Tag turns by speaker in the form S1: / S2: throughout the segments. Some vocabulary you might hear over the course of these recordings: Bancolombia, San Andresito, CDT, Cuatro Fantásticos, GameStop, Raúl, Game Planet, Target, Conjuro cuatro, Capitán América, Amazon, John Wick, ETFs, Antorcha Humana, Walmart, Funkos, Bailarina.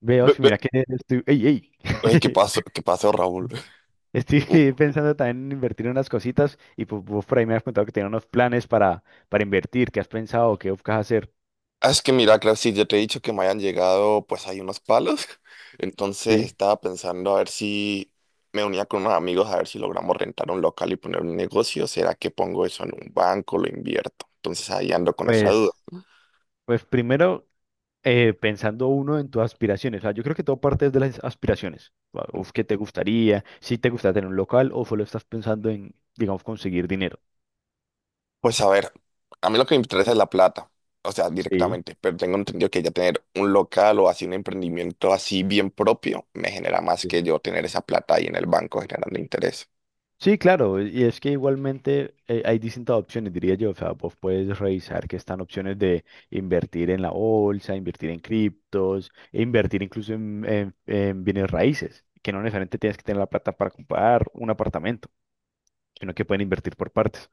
S1: Veo,
S2: Ve-
S1: si mira
S2: ve-
S1: que estoy, ey, ey.
S2: Ey, ¿qué pasó? ¿Qué pasó, Raúl?
S1: Estoy
S2: Uh,
S1: pensando también en invertir en unas cositas y pues vos por ahí me has contado que tenías unos planes para invertir. ¿Qué has pensado, qué buscas hacer?
S2: Es que mira, claro, si ya te he dicho que me hayan llegado, pues hay unos palos. Entonces
S1: Sí.
S2: estaba pensando a ver si me unía con unos amigos, a ver si logramos rentar un local y poner un negocio. ¿Será que pongo eso en un banco, lo invierto? Entonces ahí ando con esa duda.
S1: Pues, pues primero pensando uno en tus aspiraciones. O sea, yo creo que todo parte es de las aspiraciones, o qué te gustaría, si te gusta tener un local o solo estás pensando en, digamos, conseguir dinero.
S2: Pues a ver, a mí lo que me interesa es la plata, o sea,
S1: Sí.
S2: directamente, pero tengo entendido que ya tener un local o así un emprendimiento así bien propio me genera más
S1: Sí.
S2: que yo tener esa plata ahí en el banco generando interés.
S1: Sí, claro, y es que igualmente hay distintas opciones, diría yo. O sea, vos puedes revisar que están opciones de invertir en la bolsa, invertir en criptos, e invertir incluso en, en bienes raíces, que no necesariamente tienes que tener la plata para comprar un apartamento, sino que pueden invertir por partes.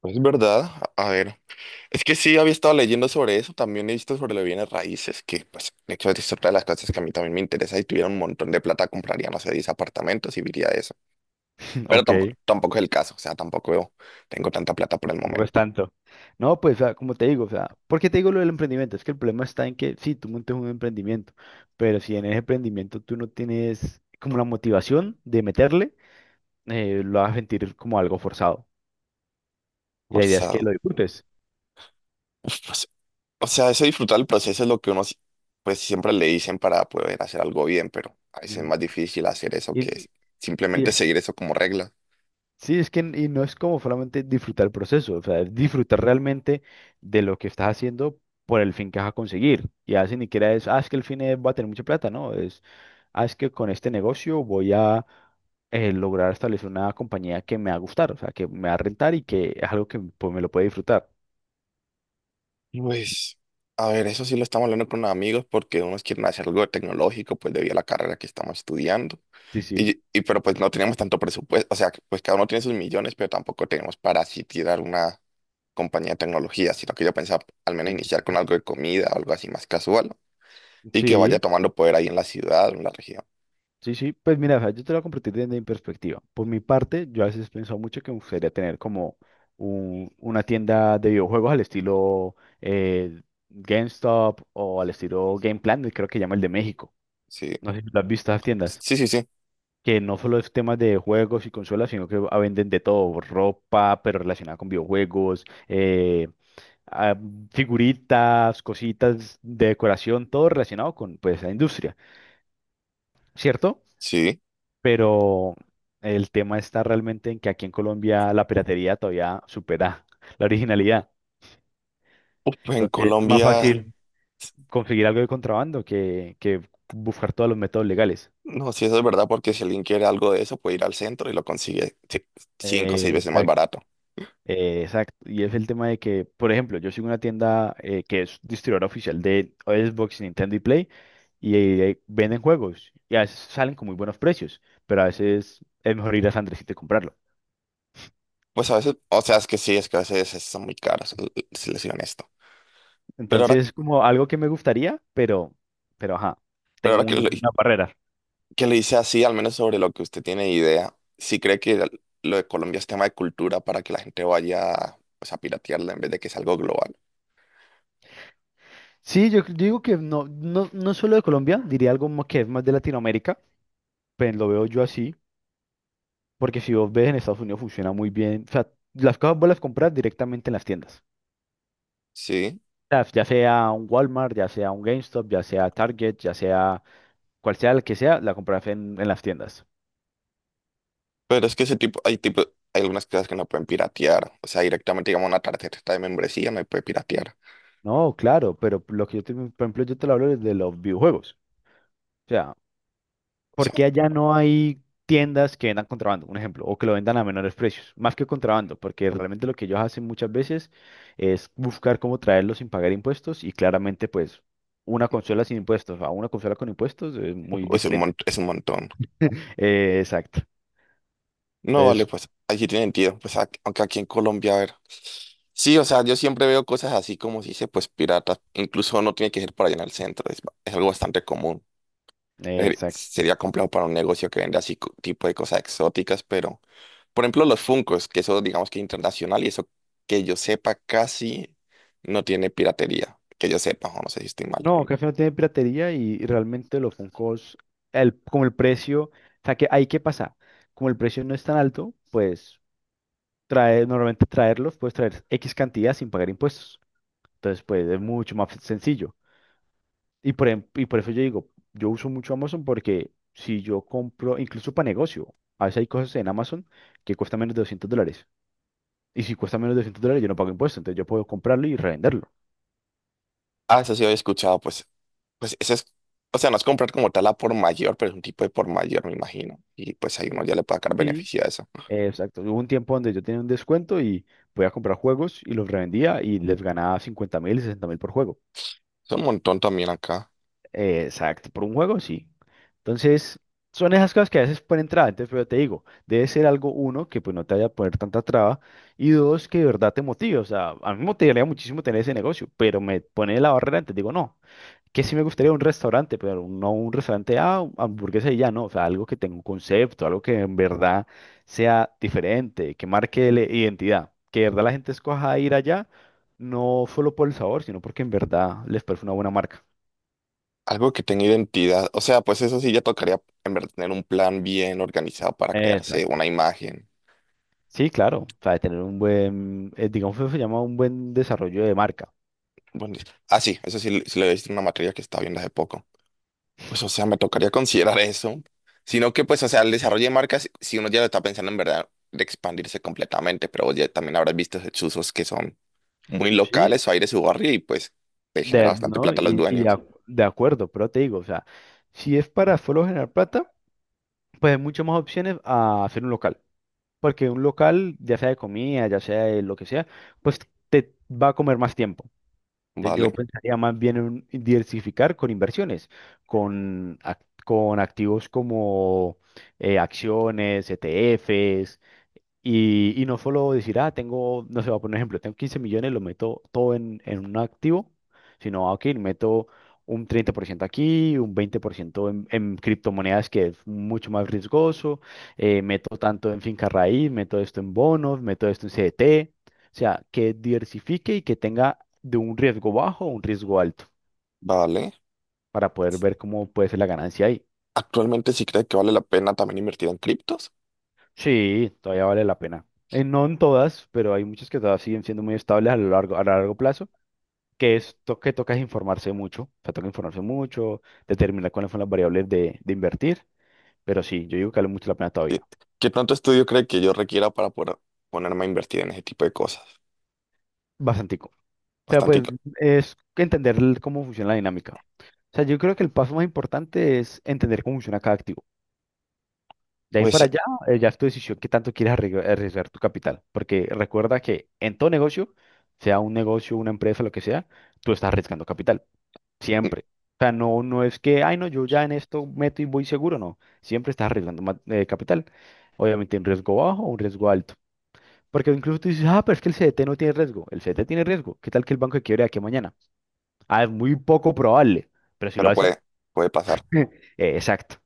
S2: Pues es verdad, a ver. Es que sí, había estado leyendo sobre eso, también he visto sobre los bienes raíces, que pues de hecho es otra de las cosas que a mí también me interesa, y tuviera un montón de plata, compraría, no sé, 10 apartamentos y viviría de eso. Pero
S1: Ok,
S2: tampoco, tampoco es el caso, o sea, tampoco tengo tanta plata por el
S1: tampoco es
S2: momento,
S1: tanto. No, pues, o sea, como te digo, o sea, ¿por qué te digo lo del emprendimiento? Es que el problema está en que sí, tú montes un emprendimiento, pero si en ese emprendimiento tú no tienes como la motivación de meterle lo vas a sentir como algo forzado. Y la idea es que
S2: forzado.
S1: lo disfrutes.
S2: Uf, pues, o sea, eso disfrutar el proceso es lo que uno si- pues siempre le dicen para poder hacer algo bien, pero a veces es
S1: Ujú.
S2: más difícil hacer eso
S1: Y,
S2: que es
S1: y
S2: simplemente
S1: es-
S2: seguir eso como regla.
S1: sí, es que y no es como solamente disfrutar el proceso. O sea, es disfrutar realmente de lo que estás haciendo por el fin que vas a conseguir. Y a veces ni siquiera es, ah, es que el fin es, va a tener mucha plata, no, es, ah, es que con este negocio voy a lograr establecer una compañía que me va a gustar. O sea, que me va a rentar y que es algo que pues, me lo puede disfrutar.
S2: Pues, a ver, eso sí lo estamos hablando con amigos porque unos quieren hacer algo tecnológico, pues debido a la carrera que estamos estudiando.
S1: Sí, sí,
S2: Y pero pues no tenemos tanto presupuesto, o sea, pues cada uno tiene sus millones, pero tampoco tenemos para así tirar una compañía de tecnología, sino que yo pensaba al
S1: lo
S2: menos iniciar con
S1: entiendo.
S2: algo de comida, algo así más casual, ¿no? Y que vaya
S1: Sí.
S2: tomando poder ahí en la ciudad o en la región.
S1: Sí, sí, pues mira, o sea, yo te lo voy a compartir desde mi perspectiva. Por mi parte, yo a veces he pensado mucho que me gustaría tener como una tienda de videojuegos al estilo eh, GameStop o al estilo Game Planet, creo que llama el de México.
S2: Sí,
S1: No sé si lo has visto esas tiendas,
S2: sí, sí, sí,
S1: que no solo es temas de juegos y consolas, sino que ah, venden de todo, ropa, pero relacionada con videojuegos, ah, figuritas, cositas de decoración, todo relacionado con pues, la industria, ¿cierto?
S2: sí.
S1: Pero el tema está realmente en que aquí en Colombia la piratería todavía supera la originalidad.
S2: Uf, pues en
S1: Entonces es más
S2: Colombia,
S1: fácil conseguir algo de contrabando que buscar todos los métodos legales.
S2: no, sí, eso es verdad, porque si alguien quiere algo de eso, puede ir al centro y lo consigue sí, cinco o seis veces más
S1: Exacto.
S2: barato.
S1: Exacto. Y es el tema de que, por ejemplo, yo sigo una tienda que es distribuidora oficial de Xbox, Nintendo y Play, y venden juegos, y a veces salen con muy buenos precios, pero a veces es mejor ir a San Andresito y comprarlo.
S2: Pues a veces, o sea, es que sí, es que a veces son muy caras, si les soy honesto. Pero ahora,
S1: Entonces, como algo que me gustaría, pero ajá,
S2: pero
S1: tengo
S2: ahora que, lo,
S1: una barrera.
S2: que le hice así, al menos sobre lo que usted tiene idea, sí cree que lo de Colombia es tema de cultura para que la gente vaya pues, a piratearla en vez de que es algo global.
S1: Sí, yo digo que no, no, no solo de Colombia, diría que es más de Latinoamérica, pues lo veo yo así, porque si vos ves en Estados Unidos funciona muy bien. O sea, las cosas vos las compras directamente en las tiendas.
S2: Sí.
S1: O sea, ya sea un Walmart, ya sea un GameStop, ya sea Target, ya sea cual sea el que sea, la compras en las tiendas.
S2: Pero es que ese tipo, hay algunas cosas que no pueden piratear. O sea, directamente, digamos, una tarjeta de membresía no puede piratear.
S1: No, claro, pero lo que yo te, por ejemplo, yo te lo hablo desde los videojuegos, o sea,
S2: O sea,
S1: porque allá no hay tiendas que vendan contrabando, un ejemplo, o que lo vendan a menores precios, más que contrabando, porque realmente lo que ellos hacen muchas veces es buscar cómo traerlos sin pagar impuestos y claramente pues una consola sin impuestos a una consola con impuestos es muy diferente.
S2: es un montón.
S1: Exacto.
S2: No, vale,
S1: Entonces,
S2: pues allí tiene sentido. Pues aunque aquí en Colombia, a ver. Sí, o sea, yo siempre veo cosas así como si dice, pues piratas. Incluso no tiene que ser por allá en el centro. Es, es algo bastante común.
S1: exacto.
S2: Sería complejo para un negocio que vende así tipo de cosas exóticas, pero. Por ejemplo, los Funkos, que eso digamos que es internacional y eso que yo sepa casi no tiene piratería, que yo sepa, o no sé si estoy mal.
S1: No, café no tiene piratería y realmente los Funkos, el, como el precio, o sea, que ahí qué pasa, como el precio no es tan alto, pues trae, normalmente traerlos, puedes traer X cantidad sin pagar impuestos. Entonces, pues es mucho más sencillo. Y por, y por eso yo digo, yo uso mucho Amazon porque si yo compro, incluso para negocio, a veces hay cosas en Amazon que cuestan menos de $200. Y si cuesta menos de $200, yo no pago impuestos. Entonces yo puedo comprarlo y revenderlo.
S2: Ah, eso sí había escuchado, pues, pues ese es, o sea, no es comprar como tal a por mayor, pero es un tipo de por mayor, me imagino. Y pues ahí uno ya le puede sacar
S1: Sí.
S2: beneficio a eso.
S1: Exacto. Hubo un tiempo donde yo tenía un descuento y podía comprar juegos y los revendía y les ganaba 50.000, 60.000 por juego.
S2: Es un montón también acá.
S1: Exacto, por un juego sí. Entonces, son esas cosas que a veces ponen traba. Entonces, pero te digo, debe ser algo, uno, que pues no te vaya a poner tanta traba, y dos, que de verdad te motive. O sea, a mí me motivaría muchísimo tener ese negocio, pero me pone la barrera antes. Digo, no, que sí me gustaría un restaurante, pero no un restaurante, ah, hamburguesa y ya, no. O sea, algo que tenga un concepto, algo que en verdad sea diferente, que marque la identidad, que de verdad la gente escoja ir allá, no solo por el sabor, sino porque en verdad les parece una buena marca.
S2: Algo que tenga identidad, o sea, pues eso sí ya tocaría en verdad tener un plan bien organizado para crearse
S1: Exacto.
S2: una imagen.
S1: Sí, claro, o sea, de tener un buen, digamos que se llama un buen desarrollo de marca.
S2: Bueno, ah, sí, eso sí, sí lo he visto en una materia que estaba viendo hace poco. Pues, o sea, me tocaría considerar eso. Sino que, pues, o sea, el desarrollo de marcas, si uno ya lo está pensando en verdad de expandirse completamente, pero vos ya también habrás visto esos usos que son muy
S1: Sí.
S2: locales o hay de su barrio y pues te genera
S1: De,
S2: bastante
S1: ¿no?
S2: plata a los
S1: Y de,
S2: dueños.
S1: de acuerdo, pero te digo, o sea, si es para solo generar plata, pues hay muchas más opciones a hacer un local. Porque un local, ya sea de comida, ya sea de lo que sea, pues te va a comer más tiempo. Entonces yo
S2: Vale,
S1: pensaría más bien en diversificar con inversiones, con, con activos como acciones, ETFs, y no solo decir, ah, tengo, no sé, voy a poner un ejemplo, tengo 15 millones, lo meto todo en un activo, sino, ah, ok, meto un 30% aquí, un 20% en criptomonedas, que es mucho más riesgoso. Meto tanto en finca raíz, meto esto en bonos, meto esto en CDT. O sea, que diversifique y que tenga de un riesgo bajo a un riesgo alto,
S2: vale.
S1: para poder ver cómo puede ser la ganancia ahí.
S2: Actualmente sí cree que vale la pena también invertir en criptos.
S1: Sí, todavía vale la pena. No en todas, pero hay muchas que todavía siguen siendo muy estables a lo largo, a largo plazo, que es que toca es informarse mucho. O sea, toca informarse mucho, determinar cuáles son las variables de invertir, pero sí, yo digo que vale mucho la pena
S2: ¿Qué,
S1: todavía,
S2: qué tanto estudio cree que yo requiera para poder ponerme a invertir en ese tipo de cosas?
S1: bastantico. O sea, pues
S2: Bastantito.
S1: es que entender cómo funciona la dinámica. O sea, yo creo que el paso más importante es entender cómo funciona cada activo. De ahí
S2: Pues,
S1: para allá, ya es tu decisión qué tanto quieres arriesgar tu capital, porque recuerda que en todo negocio, sea un negocio, una empresa, lo que sea, tú estás arriesgando capital.
S2: mm,
S1: Siempre. O sea, no, no es que, ay, no, yo ya en esto meto y voy seguro, no. Siempre estás arriesgando capital. Obviamente, un riesgo bajo o un riesgo alto. Porque incluso tú dices, ah, pero es que el CDT no tiene riesgo. El CDT tiene riesgo. ¿Qué tal que el banco quiebre de aquí a mañana? Ah, es muy poco probable. Pero si lo
S2: pero
S1: hace,
S2: puede, puede pasar.
S1: exacto.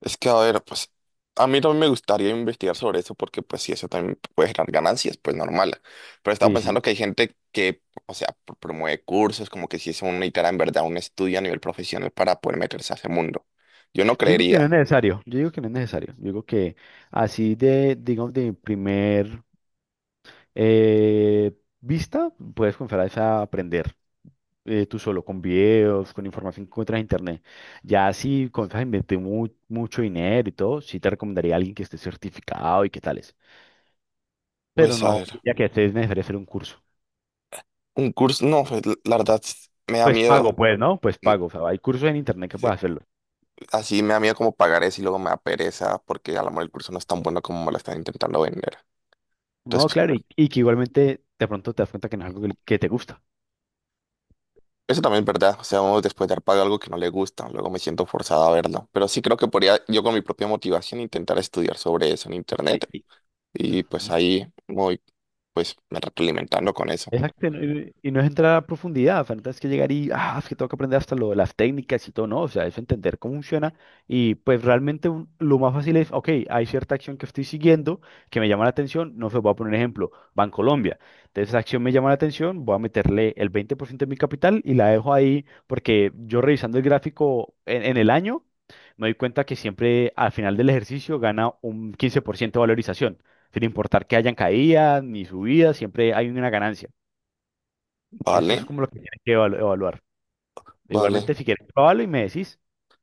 S2: Es que, a ver, pues a mí también me gustaría investigar sobre eso porque pues sí, eso también puede generar ganancias, pues normal. Pero estaba
S1: Sí,
S2: pensando
S1: sí.
S2: que hay gente que, o sea, promueve cursos, como que si es una necesitara en verdad un estudio a nivel profesional para poder meterse a ese mundo. Yo no
S1: Yo digo que no
S2: creería.
S1: es necesario. Yo digo que no es necesario. Yo digo que así de, digamos, de mi primer Eh, vista, puedes comenzar a aprender tú solo, con videos, con información que encuentras en internet. Ya si comienzas a invertir mucho dinero y todo, sí te recomendaría a alguien que esté certificado y qué tales. Pero
S2: Pues a
S1: no,
S2: ver,
S1: ya que este es necesario hacer un curso.
S2: un curso, no, pues, la verdad me da
S1: Pues pago,
S2: miedo.
S1: pues, ¿no? Pues
S2: Mm,
S1: pago. O sea, hay cursos en internet que
S2: sí,
S1: puedes hacerlo.
S2: así me da miedo como pagar eso y luego me da pereza porque a lo mejor el curso no es tan bueno como me lo están intentando vender.
S1: No,
S2: Entonces
S1: claro, y que igualmente de pronto te das cuenta que no es algo que te gusta.
S2: eso también es verdad, o sea, uno después de dar pago algo que no le gusta, luego me siento forzado a verlo, pero sí creo que podría yo con mi propia motivación intentar estudiar sobre eso en
S1: Sí,
S2: internet
S1: ujú.
S2: y pues ahí voy pues me retroalimentando con eso.
S1: Exacto, y no es entrar a profundidad, falta es que llegar y, ah, es que tengo que aprender hasta lo, de las técnicas y todo, no, o sea, es entender cómo funciona, y pues realmente lo más fácil es, ok, hay cierta acción que estoy siguiendo que me llama la atención, no sé, voy a poner un ejemplo, Bancolombia, entonces esa acción me llama la atención, voy a meterle el 20% de mi capital y la dejo ahí porque yo revisando el gráfico en el año, me doy cuenta que siempre al final del ejercicio gana un 15% de valorización, sin importar que hayan caídas ni subidas, siempre hay una ganancia. Eso
S2: Vale,
S1: es como lo que tienes que evaluar. Igualmente,
S2: vale.
S1: si quieres, pruébalo y me decís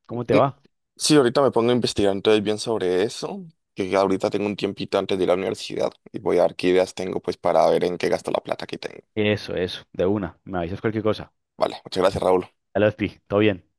S1: cómo te
S2: Mm,
S1: va.
S2: sí, ahorita me pongo a investigar entonces bien sobre eso, que ya ahorita tengo un tiempito antes de ir a la universidad y voy a ver qué ideas tengo pues para ver en qué gasto la plata que tengo.
S1: Eso, de una. Me avisas cualquier cosa.
S2: Vale, muchas gracias, Raúl.
S1: Dale, Pi, todo bien.